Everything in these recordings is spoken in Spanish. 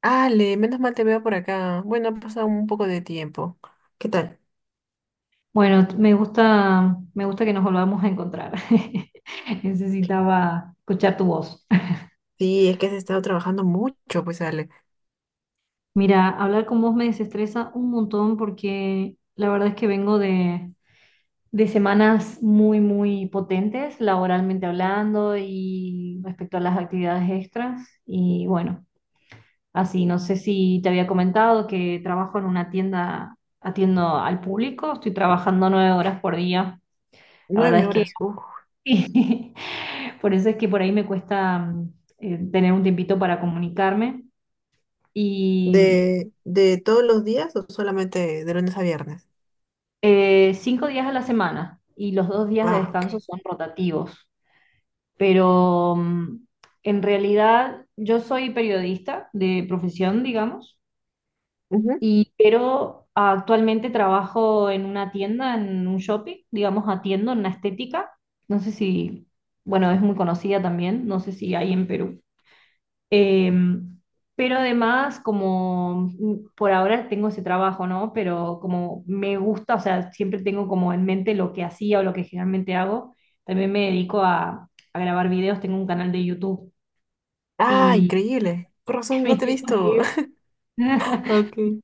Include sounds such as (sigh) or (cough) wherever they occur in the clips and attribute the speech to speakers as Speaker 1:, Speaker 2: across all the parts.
Speaker 1: Ale, menos mal te veo por acá. Bueno, ha pasado un poco de tiempo. ¿Qué tal?
Speaker 2: Bueno, me gusta que nos volvamos a encontrar. (laughs) Necesitaba escuchar tu voz.
Speaker 1: Sí, es que has estado trabajando mucho, pues Ale.
Speaker 2: (laughs) Mira, hablar con vos me desestresa un montón porque la verdad es que vengo de semanas muy, muy potentes, laboralmente hablando y respecto a las actividades extras. Y bueno, así, no sé si te había comentado que trabajo en una tienda, atiendo al público, estoy trabajando 9 horas por día. La verdad
Speaker 1: Nueve
Speaker 2: es
Speaker 1: horas. Uf.
Speaker 2: sí. (laughs) Por eso es que por ahí me cuesta tener un tiempito para comunicarme. Y
Speaker 1: ¿De todos los días o solamente de lunes a viernes?
Speaker 2: 5 días a la semana y los dos días de
Speaker 1: Ah,
Speaker 2: descanso
Speaker 1: ok.
Speaker 2: son rotativos. Pero en realidad yo soy periodista de profesión, digamos,
Speaker 1: Ujú.
Speaker 2: pero actualmente trabajo en una tienda, en un shopping, digamos, atiendo en la estética. No sé si, bueno, es muy conocida también, no sé si hay en Perú. Em, pero además, como por ahora tengo ese trabajo, ¿no? Pero como me gusta, o sea, siempre tengo como en mente lo que hacía o lo que generalmente hago. También me dedico a grabar videos, tengo un canal de YouTube
Speaker 1: Ah,
Speaker 2: y
Speaker 1: increíble. Por
Speaker 2: (laughs)
Speaker 1: razón, no
Speaker 2: mis
Speaker 1: te he
Speaker 2: tiempos
Speaker 1: visto.
Speaker 2: libres.
Speaker 1: (laughs)
Speaker 2: (laughs)
Speaker 1: Ok.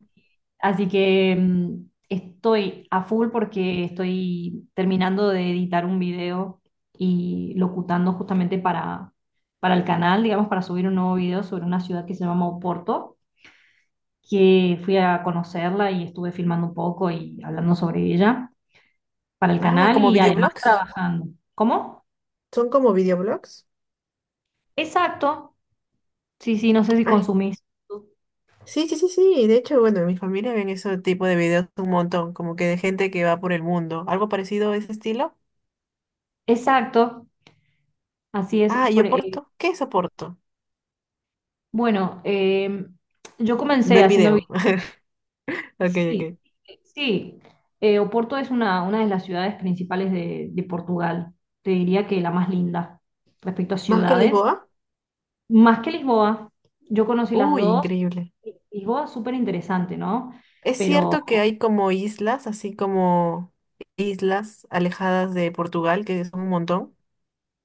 Speaker 2: Así que estoy a full porque estoy terminando de editar un video y locutando justamente para el canal, digamos, para subir un nuevo video sobre una ciudad que se llama Oporto que fui a conocerla y estuve filmando un poco y hablando sobre ella para el
Speaker 1: Ah,
Speaker 2: canal
Speaker 1: ¿como
Speaker 2: y además
Speaker 1: videoblogs?
Speaker 2: trabajando. ¿Cómo?
Speaker 1: ¿Son como videoblogs?
Speaker 2: Exacto. Sí, sí, no sé si
Speaker 1: Ay,
Speaker 2: consumís.
Speaker 1: sí, sí, sí, sí. De hecho, bueno, en mi familia ven ese tipo de videos un montón, como que de gente que va por el mundo. ¿Algo parecido a ese estilo?
Speaker 2: Exacto. Así es.
Speaker 1: Ah, ¿y Oporto? ¿Qué es Oporto?
Speaker 2: Bueno, eh, yo comencé
Speaker 1: Ver video. (laughs) Ok,
Speaker 2: sí,
Speaker 1: ok.
Speaker 2: sí. Oporto es una de las ciudades principales de Portugal. Te diría que la más linda respecto a
Speaker 1: ¿Más que
Speaker 2: ciudades.
Speaker 1: Lisboa?
Speaker 2: Más que Lisboa, yo conocí las
Speaker 1: Uy,
Speaker 2: dos.
Speaker 1: increíble.
Speaker 2: Lisboa es súper interesante, ¿no?
Speaker 1: Es
Speaker 2: Pero
Speaker 1: cierto que hay como islas, así como islas alejadas de Portugal, que son un montón.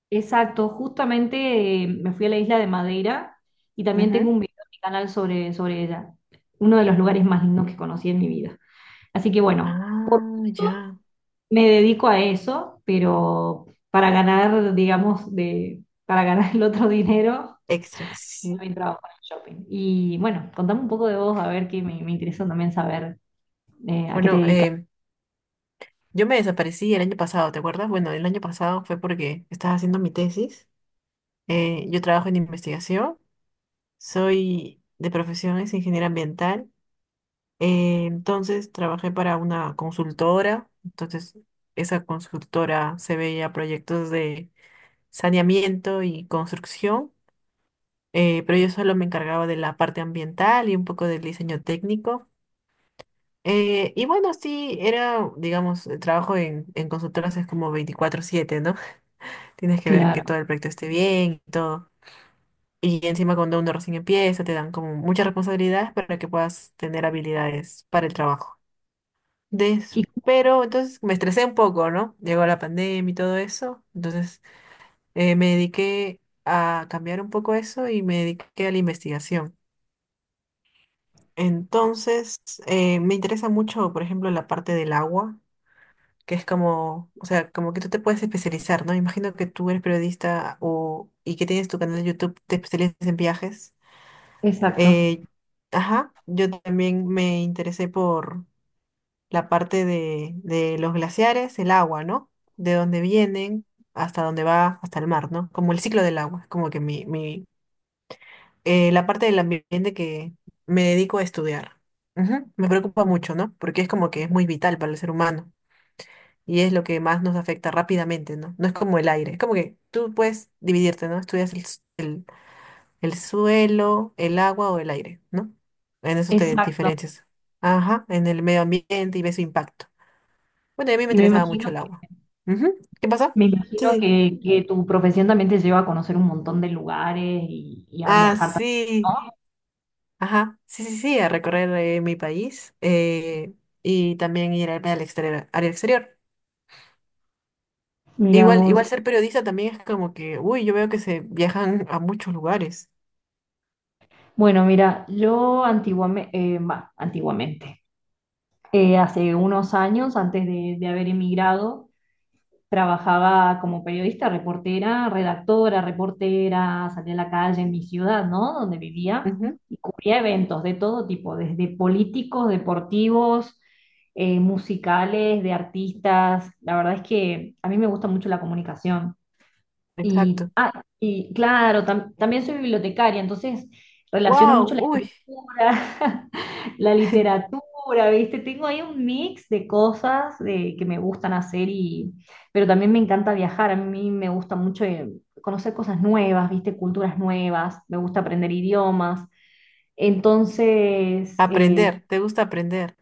Speaker 2: exacto, justamente me fui a la isla de Madeira y también tengo
Speaker 1: Ujú.
Speaker 2: un video en mi canal sobre ella, uno de los lugares más lindos que conocí en mi vida. Así que bueno,
Speaker 1: Ah, ya.
Speaker 2: me dedico a eso, pero para ganar, digamos, para ganar el otro dinero,
Speaker 1: Extra, sí.
Speaker 2: también trabajo en el shopping. Y bueno, contame un poco de vos, a ver que me interesa también saber a qué te
Speaker 1: Bueno,
Speaker 2: dedicas.
Speaker 1: yo me desaparecí el año pasado, ¿te acuerdas? Bueno, el año pasado fue porque estaba haciendo mi tesis. Yo trabajo en investigación, soy de profesión es ingeniera ambiental. Entonces trabajé para una consultora, entonces esa consultora se veía proyectos de saneamiento y construcción, pero yo solo me encargaba de la parte ambiental y un poco del diseño técnico. Y bueno, sí, era, digamos, el trabajo en consultoras es como 24/7, ¿no? (laughs) Tienes que ver que
Speaker 2: Claro.
Speaker 1: todo el proyecto esté bien y todo. Y encima cuando uno recién empieza, te dan como muchas responsabilidades para que puedas tener habilidades para el trabajo.
Speaker 2: Y,
Speaker 1: Pero entonces me estresé un poco, ¿no? Llegó la pandemia y todo eso. Entonces me dediqué a cambiar un poco eso y me dediqué a la investigación. Entonces me interesa mucho, por ejemplo, la parte del agua, que es como, o sea, como que tú te puedes especializar, ¿no? Imagino que tú eres periodista o, y que tienes tu canal de YouTube, te especializas en viajes.
Speaker 2: exacto.
Speaker 1: Eh, ajá, yo también me interesé la parte de los glaciares, el agua, ¿no? De dónde vienen hasta dónde va, hasta el mar, ¿no? Como el ciclo del agua, es como que la parte del ambiente que me dedico a estudiar. Ujú. Me preocupa mucho, ¿no? Porque es como que es muy vital para el ser humano y es lo que más nos afecta rápidamente, ¿no? No es como el aire, es como que tú puedes dividirte, ¿no? Estudias el suelo, el agua o el aire, ¿no? En eso te
Speaker 2: Exacto.
Speaker 1: diferencias. Ajá, en el medio ambiente y ves su impacto. Bueno, y a mí me
Speaker 2: Y
Speaker 1: interesaba mucho el agua. Ujú. ¿Qué pasó?
Speaker 2: me imagino
Speaker 1: Sí, sí.
Speaker 2: que tu profesión también te lleva a conocer un montón de lugares y a
Speaker 1: Ah,
Speaker 2: viajar también,
Speaker 1: sí.
Speaker 2: ¿no?
Speaker 1: Ajá. Sí, sí, sí, a recorrer mi país, y también ir al, al exterior, al exterior.
Speaker 2: Mira
Speaker 1: Igual,
Speaker 2: vos.
Speaker 1: igual ser periodista también es como que, uy, yo veo que se viajan a muchos lugares.
Speaker 2: Bueno, mira, yo antiguamente, antiguamente, hace unos años, antes de haber emigrado, trabajaba como periodista, reportera, redactora, reportera, salía a la calle en mi ciudad, ¿no? Donde vivía
Speaker 1: Ujú.
Speaker 2: y cubría eventos de todo tipo, desde políticos, deportivos, musicales, de artistas. La verdad es que a mí me gusta mucho la comunicación. Y,
Speaker 1: Exacto.
Speaker 2: ah, y claro, también soy bibliotecaria, entonces relaciono mucho
Speaker 1: Wow,
Speaker 2: la
Speaker 1: uy.
Speaker 2: escritura, (laughs) la literatura, ¿viste? Tengo ahí un mix de cosas de, que me gustan hacer, y, pero también me encanta viajar, a mí me gusta mucho conocer cosas nuevas, ¿viste? Culturas nuevas, me gusta aprender idiomas. Entonces,
Speaker 1: Aprender, ¿te gusta aprender?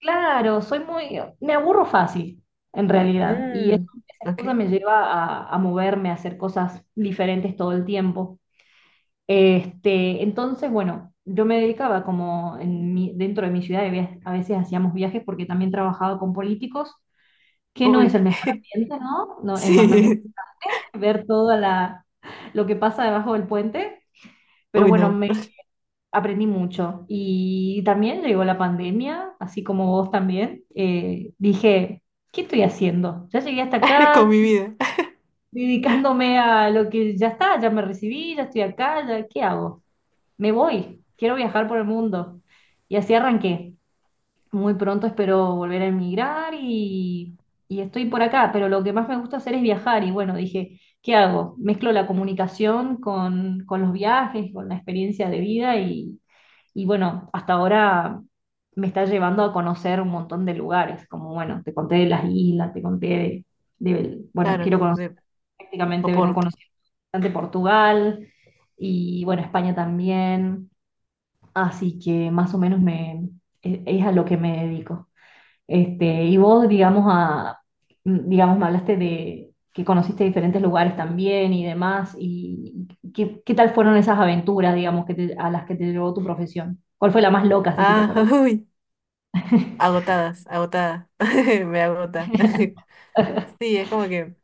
Speaker 2: claro, soy muy, me aburro fácil, en realidad, y eso,
Speaker 1: Mm,
Speaker 2: esa excusa
Speaker 1: ok.
Speaker 2: me lleva a moverme, a hacer cosas diferentes todo el tiempo. Este, entonces, bueno, yo me dedicaba como dentro de mi ciudad, a veces hacíamos viajes porque también trabajaba con políticos, que no es
Speaker 1: Uy,
Speaker 2: el mejor ambiente, ¿no? No,
Speaker 1: (laughs)
Speaker 2: es bastante
Speaker 1: sí.
Speaker 2: (laughs) ver toda la, lo que pasa debajo del puente, pero
Speaker 1: Uy,
Speaker 2: bueno,
Speaker 1: no.
Speaker 2: aprendí mucho y también llegó la pandemia, así como vos también. Dije, ¿qué estoy haciendo? Ya llegué hasta
Speaker 1: (laughs)
Speaker 2: acá,
Speaker 1: Con mi
Speaker 2: estoy
Speaker 1: vida.
Speaker 2: dedicándome a lo que ya está, ya me recibí, ya estoy acá, ya- ¿qué hago? Me voy, quiero viajar por el mundo. Y así arranqué. Muy pronto espero volver a emigrar y estoy por acá, pero lo que más me gusta hacer es viajar y bueno, dije, ¿qué hago? Mezclo la comunicación con los viajes, con la experiencia de vida y bueno, hasta ahora me está llevando a conocer un montón de lugares, como bueno, te conté de las islas, te conté de- bueno, quiero
Speaker 1: Claro,
Speaker 2: conocer
Speaker 1: de
Speaker 2: prácticamente, vengo
Speaker 1: Oporto.
Speaker 2: conociendo bastante Portugal y bueno, España también, así que más o menos me, es a lo que me dedico. Este, y vos, digamos, a, digamos, me hablaste de que conociste diferentes lugares también y demás, y qué, qué tal fueron esas aventuras, digamos, a las que te llevó tu profesión. ¿Cuál fue la más loca, así que te
Speaker 1: Ah,
Speaker 2: acordás?
Speaker 1: (laughs) uy. Agotadas, agotada. (laughs) Me agota. (laughs) Sí, es como que,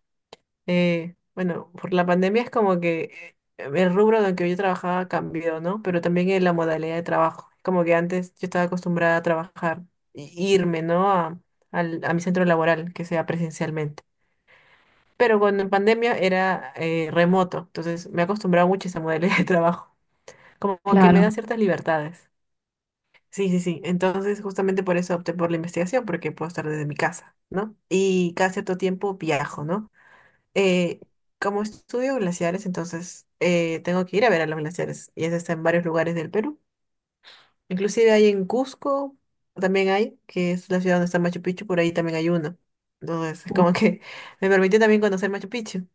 Speaker 1: bueno, por la pandemia es como que el rubro en el que yo trabajaba cambió, ¿no? Pero también en la modalidad de trabajo. Como que antes yo estaba acostumbrada a trabajar, y irme, ¿no? A, a mi centro laboral, que sea presencialmente. Pero cuando en pandemia era remoto, entonces me he acostumbrado mucho a esa modalidad de (laughs) trabajo. Como que me
Speaker 2: Claro.
Speaker 1: da ciertas libertades. Sí, sí, sí. Entonces, justamente por eso opté por la investigación, porque puedo estar desde mi casa, ¿no? Y cada cierto tiempo viajo, ¿no? Eh, como estudio glaciares, entonces tengo que ir a ver a los glaciares. Y eso está en varios lugares del Perú. Inclusive hay en Cusco, también hay, que es la ciudad donde está Machu Picchu, por ahí también hay uno. Entonces, (laughs) es como que (laughs) me permitió también conocer Machu Picchu.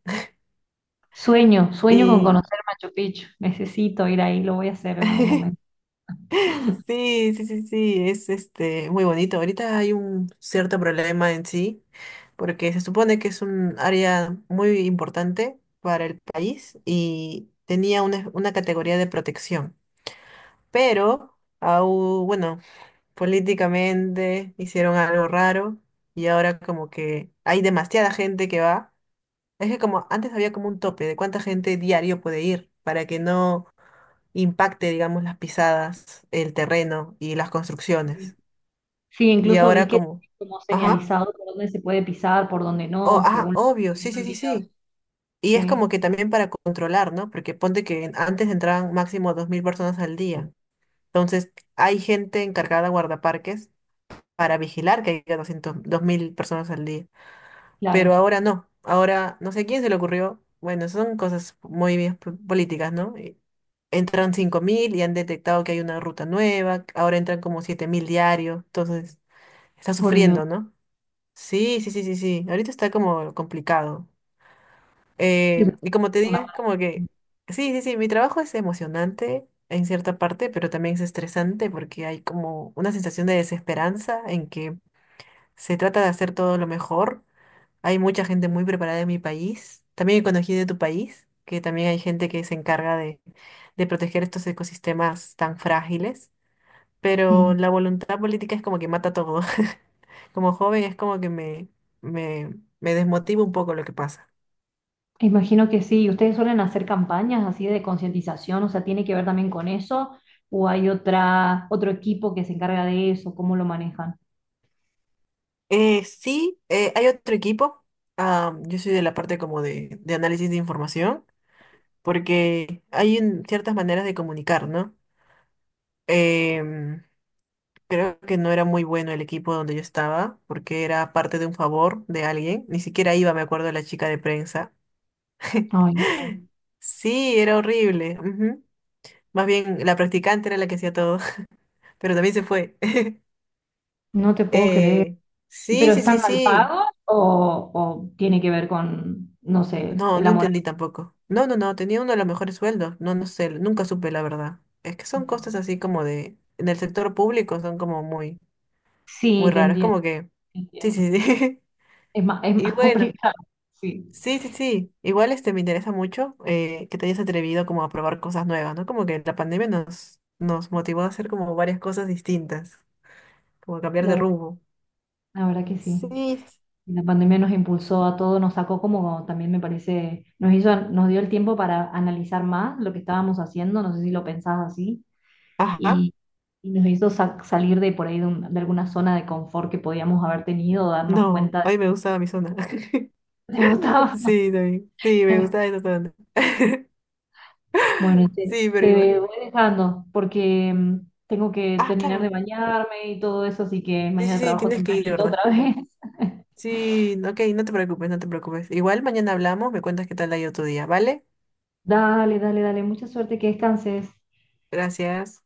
Speaker 2: Sueño, sueño con
Speaker 1: Y
Speaker 2: conocer Machu Picchu. Necesito ir ahí, lo voy a hacer en algún momento.
Speaker 1: (laughs) sí, sí, sí, sí, es este muy bonito. Ahorita hay un cierto problema en sí, porque se supone que es un área muy importante para el país y tenía una categoría de protección. Pero, bueno, políticamente hicieron algo raro y ahora como que hay demasiada gente que va. Es que como antes había como un tope de cuánta gente diario puede ir para que no impacte, digamos, las pisadas, el terreno y las
Speaker 2: Sí,
Speaker 1: construcciones.
Speaker 2: sí,
Speaker 1: Y
Speaker 2: incluso vi
Speaker 1: ahora
Speaker 2: que
Speaker 1: como,
Speaker 2: tiene como
Speaker 1: ajá,
Speaker 2: señalizado por dónde se puede pisar, por dónde
Speaker 1: oh,
Speaker 2: no,
Speaker 1: ah,
Speaker 2: según lo
Speaker 1: obvio,
Speaker 2: que vi
Speaker 1: sí, sí,
Speaker 2: en
Speaker 1: sí,
Speaker 2: videos.
Speaker 1: sí. Y es como
Speaker 2: Sí,
Speaker 1: que también para controlar, ¿no? Porque ponte que antes entraban máximo 2.000 personas al día. Entonces, hay gente encargada de guardaparques para vigilar que haya 202.000 personas al día. Pero
Speaker 2: claro.
Speaker 1: ahora no. Ahora no sé quién se le ocurrió. Bueno, son cosas muy bien políticas, ¿no? Y entran 5.000 y han detectado que hay una ruta nueva, ahora entran como 7.000 diarios, entonces está
Speaker 2: Por Dios.
Speaker 1: sufriendo, ¿no? Sí, sí, sí, sí, sí, ahorita está como complicado.
Speaker 2: Y es
Speaker 1: Y como te
Speaker 2: una
Speaker 1: diga, es como que,
Speaker 2: maravilla.
Speaker 1: sí, sí, sí, mi trabajo es emocionante en cierta parte, pero también es estresante porque hay como una sensación de desesperanza en que se trata de hacer todo lo mejor. Hay mucha gente muy preparada en mi país. También conocí de tu país, que también hay gente que se encarga de proteger estos ecosistemas tan frágiles. Pero
Speaker 2: Sí,
Speaker 1: la voluntad política es como que mata todo. (laughs) Como joven es como que me, me desmotiva un poco lo que pasa.
Speaker 2: imagino que sí. ¿Ustedes suelen hacer campañas así de concientización? O sea, ¿tiene que ver también con eso? ¿O hay otra, otro equipo que se encarga de eso? ¿Cómo lo manejan?
Speaker 1: Sí, hay otro equipo. Ah, yo soy de la parte como de análisis de información, porque ciertas maneras de comunicar, ¿no? Em, creo que no era muy bueno el equipo donde yo estaba, porque era parte de un favor de alguien. Ni siquiera iba, me acuerdo, la chica de prensa.
Speaker 2: Ay, no,
Speaker 1: (laughs) Sí, era horrible. Ujú. Más bien, la practicante era la que hacía todo, (laughs) pero también se fue. (laughs)
Speaker 2: no te puedo creer.
Speaker 1: Eh,
Speaker 2: ¿Y
Speaker 1: sí,
Speaker 2: pero
Speaker 1: sí,
Speaker 2: están
Speaker 1: sí,
Speaker 2: mal
Speaker 1: sí.
Speaker 2: pagos o tiene que ver con, no sé,
Speaker 1: No,
Speaker 2: el
Speaker 1: no
Speaker 2: amor? A
Speaker 1: entendí
Speaker 2: la-
Speaker 1: tampoco. No, no, no, tenía uno de los mejores sueldos. No, no sé, nunca supe la verdad. Es que son cosas así como de, en el sector público son como muy,
Speaker 2: sí,
Speaker 1: muy
Speaker 2: te
Speaker 1: raros. Es
Speaker 2: entiendo,
Speaker 1: como que,
Speaker 2: te
Speaker 1: sí,
Speaker 2: entiendo.
Speaker 1: sí, sí.
Speaker 2: Es
Speaker 1: (laughs) Y
Speaker 2: más (laughs)
Speaker 1: bueno.
Speaker 2: complicado. Sí,
Speaker 1: Sí, sí, sí. Igual este me interesa mucho que te hayas atrevido como a probar cosas nuevas, ¿no? Como que la pandemia nos motivó a hacer como varias cosas distintas, como a cambiar
Speaker 2: la
Speaker 1: de
Speaker 2: verdad,
Speaker 1: rumbo.
Speaker 2: la verdad que sí.
Speaker 1: Sí.
Speaker 2: La pandemia nos impulsó a todos, nos sacó como también me parece, nos hizo, nos dio el tiempo para analizar más lo que estábamos haciendo, no sé si lo pensás así,
Speaker 1: Ajá.
Speaker 2: y, y nos hizo salir de por ahí de, de alguna zona de confort que podíamos haber tenido, darnos
Speaker 1: No,
Speaker 2: cuenta
Speaker 1: a mí me gustaba mi zona. (laughs)
Speaker 2: de que estaba.
Speaker 1: Sí, también. Sí, me gustaba
Speaker 2: (laughs)
Speaker 1: esa zona. (laughs)
Speaker 2: Bueno, te,
Speaker 1: Sí, pero igual.
Speaker 2: te voy dejando porque tengo que
Speaker 1: Ah,
Speaker 2: terminar de
Speaker 1: claro.
Speaker 2: bañarme y todo eso, así que
Speaker 1: Sí, sí,
Speaker 2: mañana
Speaker 1: sí,
Speaker 2: trabajo
Speaker 1: tienes que ir,
Speaker 2: tempranito
Speaker 1: ¿verdad?
Speaker 2: otra vez. (laughs)
Speaker 1: Sí, ok, no te preocupes, no te preocupes. Igual mañana hablamos, me cuentas qué tal ha ido tu día, ¿vale?
Speaker 2: Dale, dale, dale, mucha suerte, que descanses.
Speaker 1: Gracias.